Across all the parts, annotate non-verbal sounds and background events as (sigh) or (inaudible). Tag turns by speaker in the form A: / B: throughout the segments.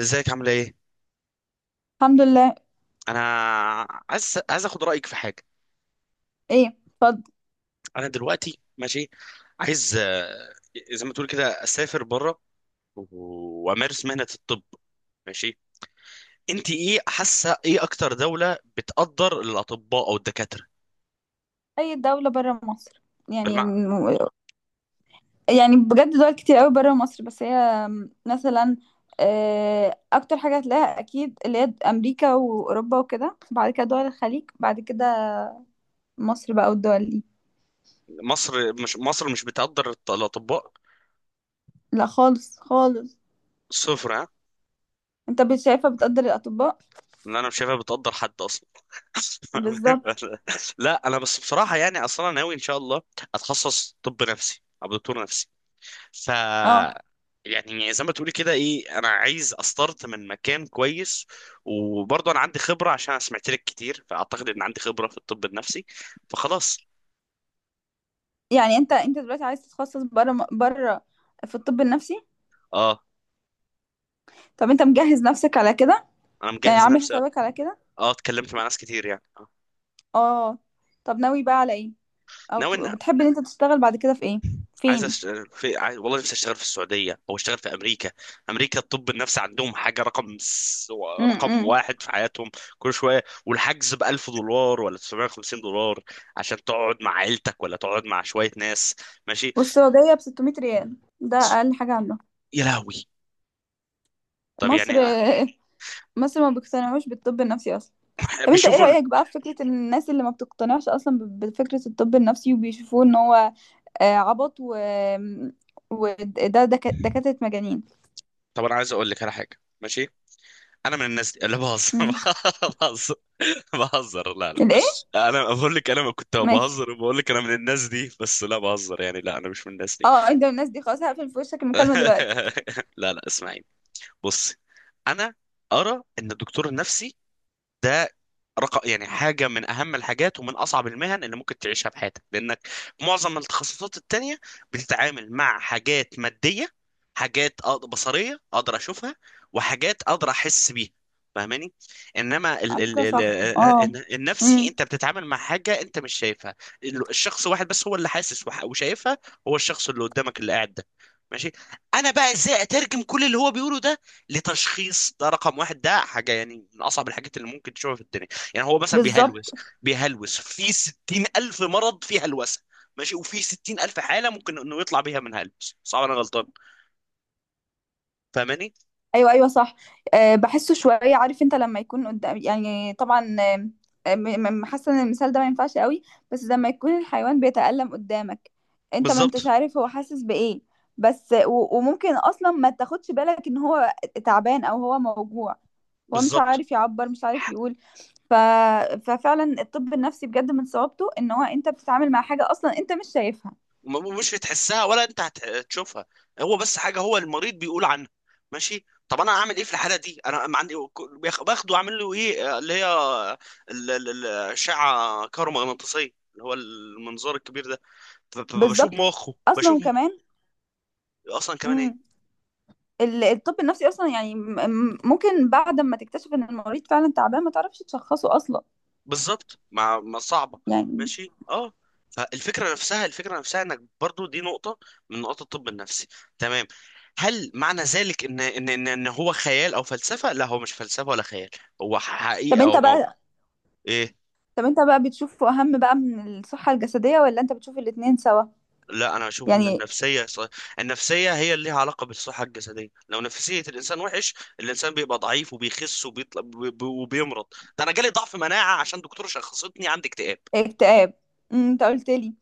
A: ازيك؟ عامله ايه؟
B: الحمد لله.
A: انا عايز اخد رايك في حاجه.
B: ايه؟ اتفضل.
A: انا دلوقتي ماشي عايز، زي ما تقول كده اسافر بره و- وامارس مهنه الطب. ماشي، انت ايه حاسه ايه اكتر دوله بتقدر الاطباء او الدكاتره؟
B: اي دولة برا مصر يعني؟
A: بالمع...
B: يعني بجد دول كتير قوي برا مصر، بس هي مثلا اكتر حاجة هتلاقيها اكيد اللي هي امريكا واوروبا وكده، بعد كده دول الخليج، بعد كده مصر بقى والدول دي.
A: مصر مش بتقدر الط- الاطباء.
B: لا، خالص خالص.
A: صفر. ها؟
B: شايفة بتقدر الاطباء؟
A: انا مش شايفها بتقدر حد اصلا.
B: بالظبط.
A: (laughs) لا، انا بس بصراحه يعني اصلا ناوي ان شاء الله اتخصص طب نفسي، ابقى دكتور نفسي. ف
B: اه،
A: يعني زي ما تقولي كده ايه، انا عايز استارت من مكان كويس، وبرضه انا عندي خبره عشان انا سمعت لك كتير، فاعتقد ان عندي خبره في الطب النفسي، فخلاص.
B: يعني انت دلوقتي عايز تتخصص برا برا، في الطب النفسي؟
A: اه،
B: طب انت مجهز نفسك على كده؟
A: انا
B: يعني
A: مجهز
B: عامل
A: نفسي، اه.
B: حسابك على كده.
A: اتكلمت مع ناس كتير يعني، آه.
B: اه. طب ناوي بقى على ايه؟ او
A: ناوي
B: ت-
A: ان...
B: بتحب ان انت تشتغل بعد كده في ايه؟
A: عايز
B: فين؟
A: أش... والله نفسي اشتغل في السعوديه او اشتغل في امريكا. امريكا الطب النفسي عندهم حاجه رقم
B: امم
A: واحد في حياتهم. كل شويه والحجز ب 1000 دولار ولا 950 دولار عشان تقعد مع عيلتك ولا تقعد مع شويه ناس. ماشي.
B: والسعودية ب 600 ريال، ده اقل حاجة عندهم.
A: يا لهوي! طب
B: مصر
A: يعني...
B: (laughs) مصر ما بيقتنعوش بالطب النفسي اصلا. طب انت ايه
A: بيشوفوا ال-
B: رأيك بقى في فكرة إن الناس اللي ما بتقتنعش اصلا بفكرة الطب النفسي وبيشوفوه ان هو عبط، و وده دكاترة مجانين؟
A: طب انا عايز اقول لك على حاجه، ماشي. انا من الناس دي، لا بهزر.
B: مم.
A: (laughs) بهزر. بهزر، لا
B: الايه؟
A: لا، انا بقول لك انا كنت
B: ماشي.
A: بهزر وبقول لك انا من الناس دي، بس لا بهزر، يعني لا، انا مش من الناس دي.
B: اه، انت من الناس دي، خلاص هقفل في وشك المكالمة دلوقتي.
A: (laughs) لا لا، اسمعيني. بصي، انا ارى ان الدكتور النفسي ده رقم... يعني حاجة من أهم الحاجات ومن أصعب المهن اللي ممكن تعيشها في حياتك، لأنك في معظم التخصصات التانية بتتعامل مع حاجات مادية، حاجات بصرية، أقدر أشوفها، وحاجات أقدر أحس بيها. فاهماني؟ انما
B: على فكرة صح. اه.
A: النفسي
B: امم
A: انت بتتعامل مع حاجه انت مش شايفها. ال- الشخص واحد بس هو اللي حاسس وح- وشايفها، هو الشخص اللي قدامك اللي قاعد ده. ماشي، انا بقى ازاي اترجم كل اللي هو بيقوله ده لتشخيص ده؟ رقم واحد، ده حاجه يعني من اصعب الحاجات اللي ممكن تشوفها في الدنيا. يعني هو مثلا بيهلوس.
B: بالظبط.
A: بيهلوس في 60 ألف مرض في هلوسة. ماشي، وفي 60 ألف حالة ممكن إنه يطلع بيها من هلوس، صعب أنا غلطان. فاهماني؟
B: ايوه ايوه صح. أه، بحسه شويه، عارف، انت لما يكون قدام يعني طبعا. حاسه ان المثال ده ما ينفعش قوي. بس لما يكون الحيوان بيتألم قدامك، انت ما انتش
A: بالظبط.
B: عارف هو حاسس بايه. بس وممكن اصلا ما تاخدش بالك ان هو تعبان او هو موجوع. هو مش
A: بالظبط،
B: عارف يعبر، مش عارف يقول. ف... ففعلا الطب النفسي بجد من صعوبته ان هو انت بتتعامل مع حاجه اصلا انت مش شايفها.
A: مش هتحسها ولا أنت هتشوفها، هو بس حاجة هو المريض بيقول عنها. ماشي، طب انا اعمل ايه في الحاله دي؟ انا ما عندي... باخده اعمل له ايه، اللي هي ال- ال- ال- الاشعه كهرومغناطيسيه، اللي هو المنظار الكبير ده، بشوف
B: بالظبط.
A: مخه،
B: اصلا
A: بشوف مخه.
B: كمان
A: اصلا كمان إيه؟
B: الطب النفسي اصلا يعني ممكن بعد ما تكتشف ان المريض فعلا تعبان ما تعرفش تشخصه اصلا،
A: بالظبط، مع ما صعبه.
B: يعني.
A: ماشي، اه. فالفكره نفسها، الفكره نفسها انك برضو، دي نقطه من نقاط الطب النفسي. تمام. هل معنى ذلك إن هو خيال او فلسفه؟ لا، هو مش فلسفه ولا خيال، هو حقيقه
B: طب انت
A: او موقع.
B: بقى
A: ايه؟
B: طب انت بقى بتشوفه اهم بقى من الصحة الجسدية ولا انت بتشوف الاتنين سوا؟
A: لا، انا اشوف ان
B: يعني
A: النفسيه النفسيه هي اللي ليها علاقه بالصحه الجسديه. لو نفسيه الانسان وحش، الانسان بيبقى ضعيف وبيخس وبيطلع وبيمرض. ده انا جالي ضعف مناعه عشان دكتور شخصتني عندي اكتئاب.
B: اكتئاب. انت قلت لي.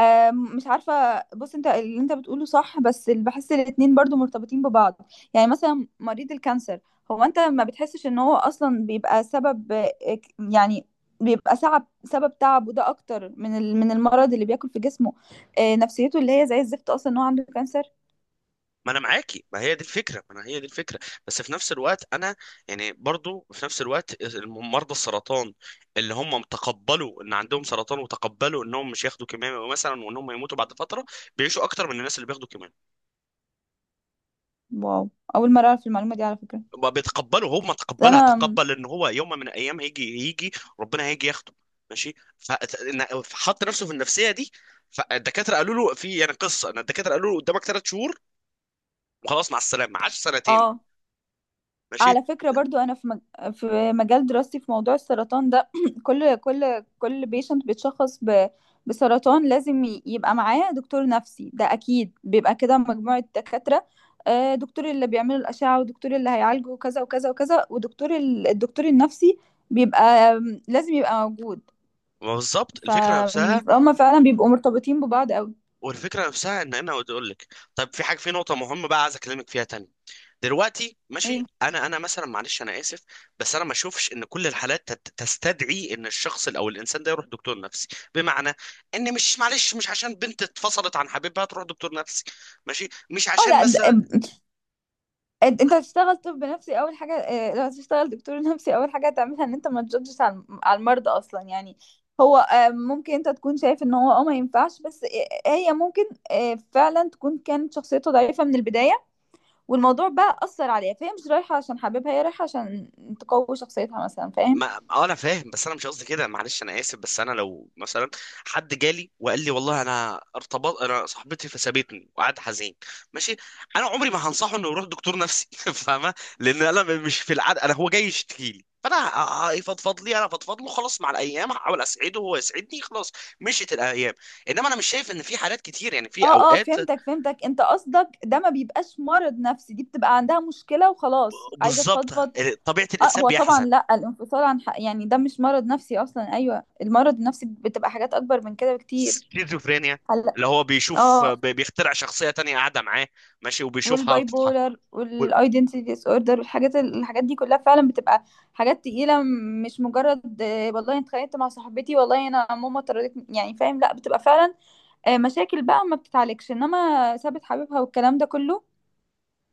B: مش عارفة، بص، انت اللي انت بتقوله صح، بس اللي بحس الاتنين برضو مرتبطين ببعض. يعني مثلا مريض الكانسر، هو انت ما بتحسش ان هو اصلا بيبقى سبب يعني بيبقى سبب تعبه ده اكتر من من المرض اللي بياكل في جسمه. نفسيته اللي هي زي الزفت اصلا ان هو عنده كانسر.
A: ما انا معاكي، ما هي دي الفكره، ما انا هي دي الفكره. بس في نفس الوقت انا يعني برضو في نفس الوقت مرضى السرطان اللي هم تقبلوا ان عندهم سرطان، وتقبلوا انهم مش ياخدوا كيماوي مثلا، وانهم يموتوا بعد فتره، بيعيشوا اكتر من الناس اللي بياخدوا كيماوي.
B: واو، اول مرة اعرف المعلومة دي على فكرة.
A: بيتقبلوا هم، تقبلها،
B: انا.
A: تقبل ان هو يوم من الايام هيجي، هيجي ربنا هيجي ياخده. ماشي. فحط نفسه في النفسيه دي. فالدكاتره قالوا له في يعني قصه ان الدكاتره قالوا له قدامك 3 شهور وخلاص، مع السلامه. عاش سنتين.
B: اه،
A: ماشي.
B: على فكرة برضو أنا في مجال دراستي في موضوع السرطان ده. (clears throat) كل بيشنت بسرطان لازم يبقى معاه دكتور نفسي، ده أكيد بيبقى كده مجموعة دكاترة. دكتور اللي بيعمل الأشعة، ودكتور اللي هيعالجه، وكذا وكذا وكذا، ودكتور الدكتور النفسي بيبقى، لازم يبقى موجود.
A: ما بالظبط
B: ف-
A: الفكره نفسها.
B: فهم فعلا بيبقوا مرتبطين ببعض أوي.
A: والفكره نفسها ان انا اقول لك، طيب في حاجه، في نقطه مهمه بقى عايز اكلمك فيها تاني دلوقتي، ماشي.
B: ايه؟
A: انا مثلا، معلش انا اسف، بس انا ما اشوفش ان كل الحالات تستدعي ان الشخص او الانسان ده يروح دكتور نفسي. بمعنى ان... مش، معلش، مش عشان بنت اتفصلت عن حبيبها تروح دكتور نفسي، ماشي، مش
B: اه.
A: عشان
B: لا،
A: مثلا...
B: أنت هتشتغل طب نفسي أول حاجة، لو هتشتغل دكتور نفسي أول حاجة هتعملها إن أنت ما تجادجش على على المرضى أصلًا، يعني هو ممكن أنت تكون شايف إن هو ما ينفعش، بس هي ممكن فعلًا تكون كانت شخصيته ضعيفة من البداية، والموضوع بقى أثّر عليها، فهي مش رايحة عشان حاببها، هي رايحة عشان تقوي شخصيتها مثلًا، فاهم؟
A: ما اه، انا فاهم بس انا مش قصدي كده، معلش انا اسف. بس انا لو مثلا حد جالي وقال لي والله انا ارتبط، انا صاحبتي فسابتني، وقعد حزين، ماشي، انا عمري ما هنصحه انه يروح دكتور نفسي. (laughs) فاهمه؟ لان انا مش في العاده، انا هو جاي يشتكي لي، فانا يفضفض لي، انا افضفض له، خلاص، مع الايام هحاول اسعده وهو يسعدني، خلاص. مشيت الايام. انما انا مش شايف ان في حالات كتير، يعني في
B: آه، آه،
A: اوقات
B: فهمتك، فهمتك، أنت قصدك ده ما بيبقاش مرض نفسي، دي بتبقى عندها مشكلة وخلاص، عايزة
A: بالظبط
B: تفضفض.
A: طبيعه
B: اه،
A: الانسان
B: هو طبعا،
A: بيحزن.
B: لا، الانفصال عن حق يعني ده مش مرض نفسي اصلا، ايوه المرض النفسي بتبقى حاجات اكبر من كده بكتير.
A: سكيزوفرينيا،
B: هلا.
A: اللي هو بيشوف،
B: اه.
A: بيخترع شخصية تانية قاعدة معاه، ماشي، وبيشوفها
B: والباي
A: بتتحرك.
B: بولر والايدنتي ديس اوردر والحاجات الحاجات دي كلها فعلا بتبقى حاجات تقيله، مش مجرد والله أنا اتخانقت مع صاحبتي، والله انا ماما طردتني يعني، فاهم؟ لا بتبقى فعلا مشاكل بقى ما بتتعالجش، انما سابت حبيبها والكلام ده كله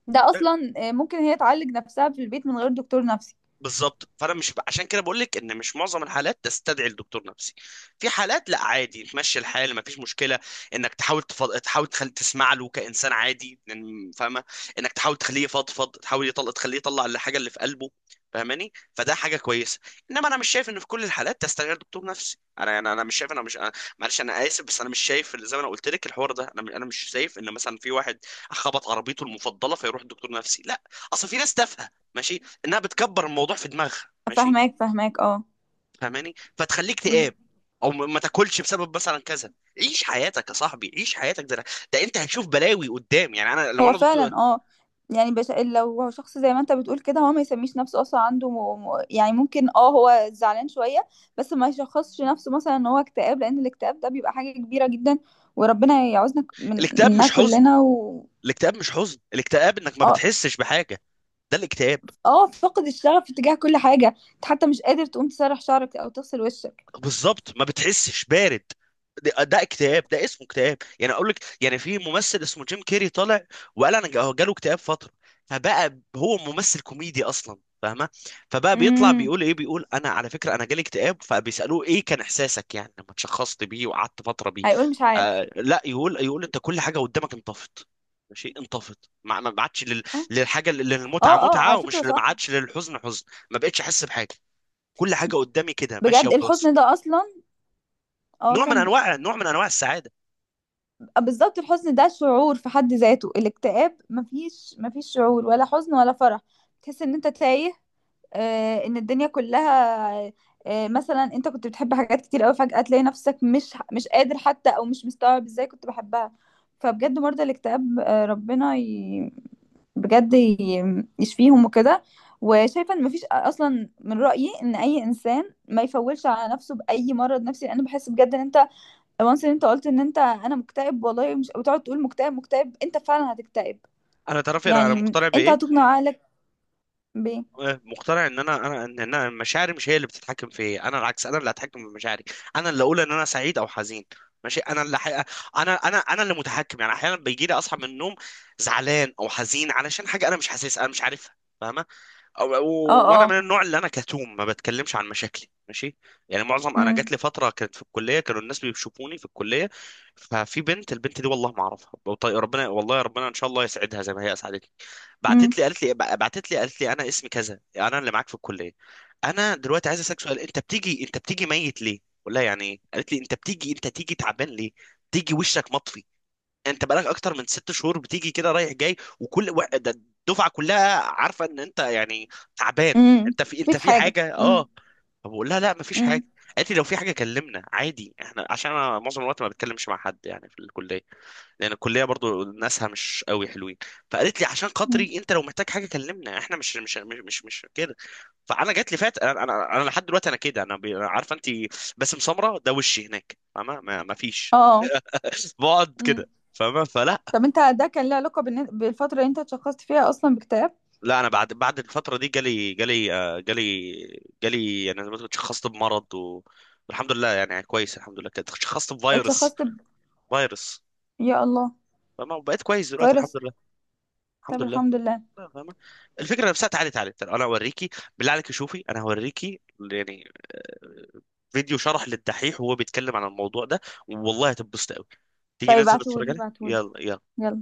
B: ده اصلا ممكن هي تعالج نفسها في البيت من غير دكتور نفسي.
A: بالظبط. فانا مش عشان كده بقول لك ان مش معظم الحالات تستدعي الدكتور نفسي. في حالات لا، عادي تمشي الحال، ما فيش مشكله انك تحاول تحاول تخلي، تسمع له كانسان عادي، فاهمه؟ انك تحاول تخليه يفضفض، تحاول يطلع، تخليه يطلع الحاجه اللي في قلبه. فاهماني؟ فده حاجه كويسه. انما انا مش شايف ان في كل الحالات تستدعي دكتور نفسي، انا مش شايف، انا مش أنا... معلش انا اسف، بس انا مش شايف، اللي زي ما انا قلت لك الحوار ده، انا مش شايف ان مثلا في واحد خبط عربيته المفضله فيروح الدكتور نفسي، لا. اصل في ناس تافهه، ماشي، انها بتكبر الموضوع في دماغها، ماشي،
B: فاهماك، فاهماك، اه.
A: فاهماني؟ فتخليك تقاب، او ما تاكلش بسبب مثلا كذا. عيش حياتك يا صاحبي، عيش حياتك. ده انت هتشوف بلاوي قدام، يعني انا لو
B: هو
A: انا دكتور...
B: فعلا اه، يعني لو هو شخص زي ما انت بتقول كده هو ما يسميش نفسه اصلا عنده يعني ممكن اه هو زعلان شوية، بس ما يشخصش نفسه مثلا ان هو اكتئاب، لان الاكتئاب ده بيبك حاجة كبيرة جدا، وربنا يعوزنا
A: الاكتئاب
B: مننا
A: مش حزن.
B: كلنا و...
A: الاكتئاب مش حزن، الاكتئاب انك ما
B: اه.
A: بتحسش بحاجه، ده الاكتئاب.
B: اه، فقد الشغف تجاه كل حاجة، انت حتى مش قادر تقوم تسرح شعرك او تغسل وشك.
A: بالظبط، ما بتحسش بارد، ده اكتئاب، ده اسمه اكتئاب. يعني اقول لك، يعني في ممثل اسمه جيم كيري طالع وقال انا جاله اكتئاب فتره، فبقى هو ممثل كوميدي اصلا، فاهمه؟ فبقى بيطلع
B: امم.
A: بيقول ايه، بيقول انا على فكره انا جالي اكتئاب، فبيسالوه ايه كان احساسك يعني لما تشخصت بيه وقعدت فتره بيه؟
B: هيقول مش عارف.
A: آه لا، يقول انت كل حاجه قدامك انطفت. ماشي، انطفت، ما عادش لل-
B: اه
A: للحاجه،
B: اه
A: للمتعه
B: اه، على
A: متعه،
B: فكرة
A: ومش، ما
B: صح.
A: عادش للحزن حزن، ما بقتش احس بحاجه، كل حاجه قدامي كده ماشيه
B: بجد
A: وخلاص.
B: الحزن ده اصلا. اه،
A: نوع من
B: كمل.
A: انواع نوع من انواع السعاده.
B: بالظبط، الحزن ده شعور في حد ذاته، الاكتئاب مفيش شعور ولا حزن ولا فرح، تحس ان انت تايه، ان الدنيا كلها، مثلا انت كنت بتحب حاجات كتير قوي فجأة تلاقي نفسك مش قادر حتى، او مش مستوعب ازاي كنت بحبها، فبجد مرضى الاكتئاب ربنا بجد يشفيهم وكده، وشايفه ان مفيش اصلا، من رأيي ان اي انسان ما يفولش على نفسه بأي مرض نفسي لان بحس بجد ان انت وانس ان انت قلت ان انت انا مكتئب والله، مش بتقعد تقول مكتئب مكتئب انت فعلا هتكتئب.
A: انا تعرفي أنا
B: يعني
A: مقتنع
B: انت
A: بايه؟
B: هتقنع عقلك ب...
A: مقتنع ان انا انا ان أنا مشاعري مش هي اللي بتتحكم في إيه. انا العكس، انا اللي هتحكم في مشاعري. انا اللي اقول ان انا سعيد او حزين، ماشي، انا اللي حقيقة. انا اللي متحكم. يعني احيانا بيجي لي اصحى من النوم زعلان او حزين علشان حاجه انا مش حاسسها، انا مش عارفها. فاهمه؟ أو أو-
B: اه
A: وانا من
B: اه.
A: النوع اللي انا كتوم، ما بتكلمش عن مشاكلي، ماشي. يعني معظم... انا جات
B: امم،
A: لي فتره كانت في الكليه، كانوا الناس بيشوفوني في الكليه، ففي بنت، البنت دي والله ما اعرفها، وطي- ربنا، والله يا ربنا ان شاء الله يسعدها زي ما هي اسعدتني.
B: امم،
A: بعتت لي قالت لي انا اسمي كذا، انا اللي معاك في الكليه، انا دلوقتي عايز اسالك سؤال، انت بتيجي ميت ليه؟ ولا يعني ايه؟ قالت لي انت بتيجي، انت تيجي تعبان ليه؟ تيجي وشك مطفي، انت بقالك اكتر من 6 شهور بتيجي كده رايح جاي، وكل ده، الدفعه كلها عارفه ان انت يعني تعبان،
B: امم،
A: انت في انت
B: فيك
A: في
B: حاجه،
A: حاجه، اه.
B: امم،
A: طب بقول لها لا، مفيش
B: امم،
A: حاجه. قالت لي لو في حاجه كلمنا عادي احنا، عشان انا معظم الوقت ما بتكلمش مع حد يعني في الكليه، لان الكليه برضو ناسها مش قوي حلوين. فقالت لي عشان
B: أمم.
A: خاطري انت لو محتاج حاجه كلمنا احنا، مش كده. فانا جات لي فات، انا أنا لحد دلوقتي انا كده، انا بي- عارفه انت باسم سمره ده وشي هناك، فاهمه؟ ما فيش،
B: اه.
A: بقعد
B: امم.
A: كده، فاهمه؟ فلا.
B: طب انت ده كان له علاقه بالفتره اللي انت اتشخصت فيها اصلا باكتئاب؟
A: لا انا بعد الفتره دي، جالي جالي آه، جالي جالي يعني زي ما تقول اتشخصت بمرض والحمد لله يعني كويس، الحمد لله كده اتشخصت بفيروس.
B: اتشخصت
A: فيروس.
B: يا الله.
A: فاهمة؟ وبقيت كويس دلوقتي، الحمد
B: فيروس؟
A: لله. الحمد
B: طب
A: لله.
B: الحمد لله.
A: لا، فاهمة. الفكره نفسها، تعالي تعالي تعالي، انا اوريكي، بالله عليك، شوفي، انا هوريكي يعني، آه، فيديو شرح للدحيح وهو بيتكلم عن الموضوع ده، والله هتنبسط قوي. تيجي
B: طيب،
A: ننزل نتفرج
B: ابعتهولي،
A: عليه؟
B: ابعتهولي.
A: يلا يلا.
B: يلا.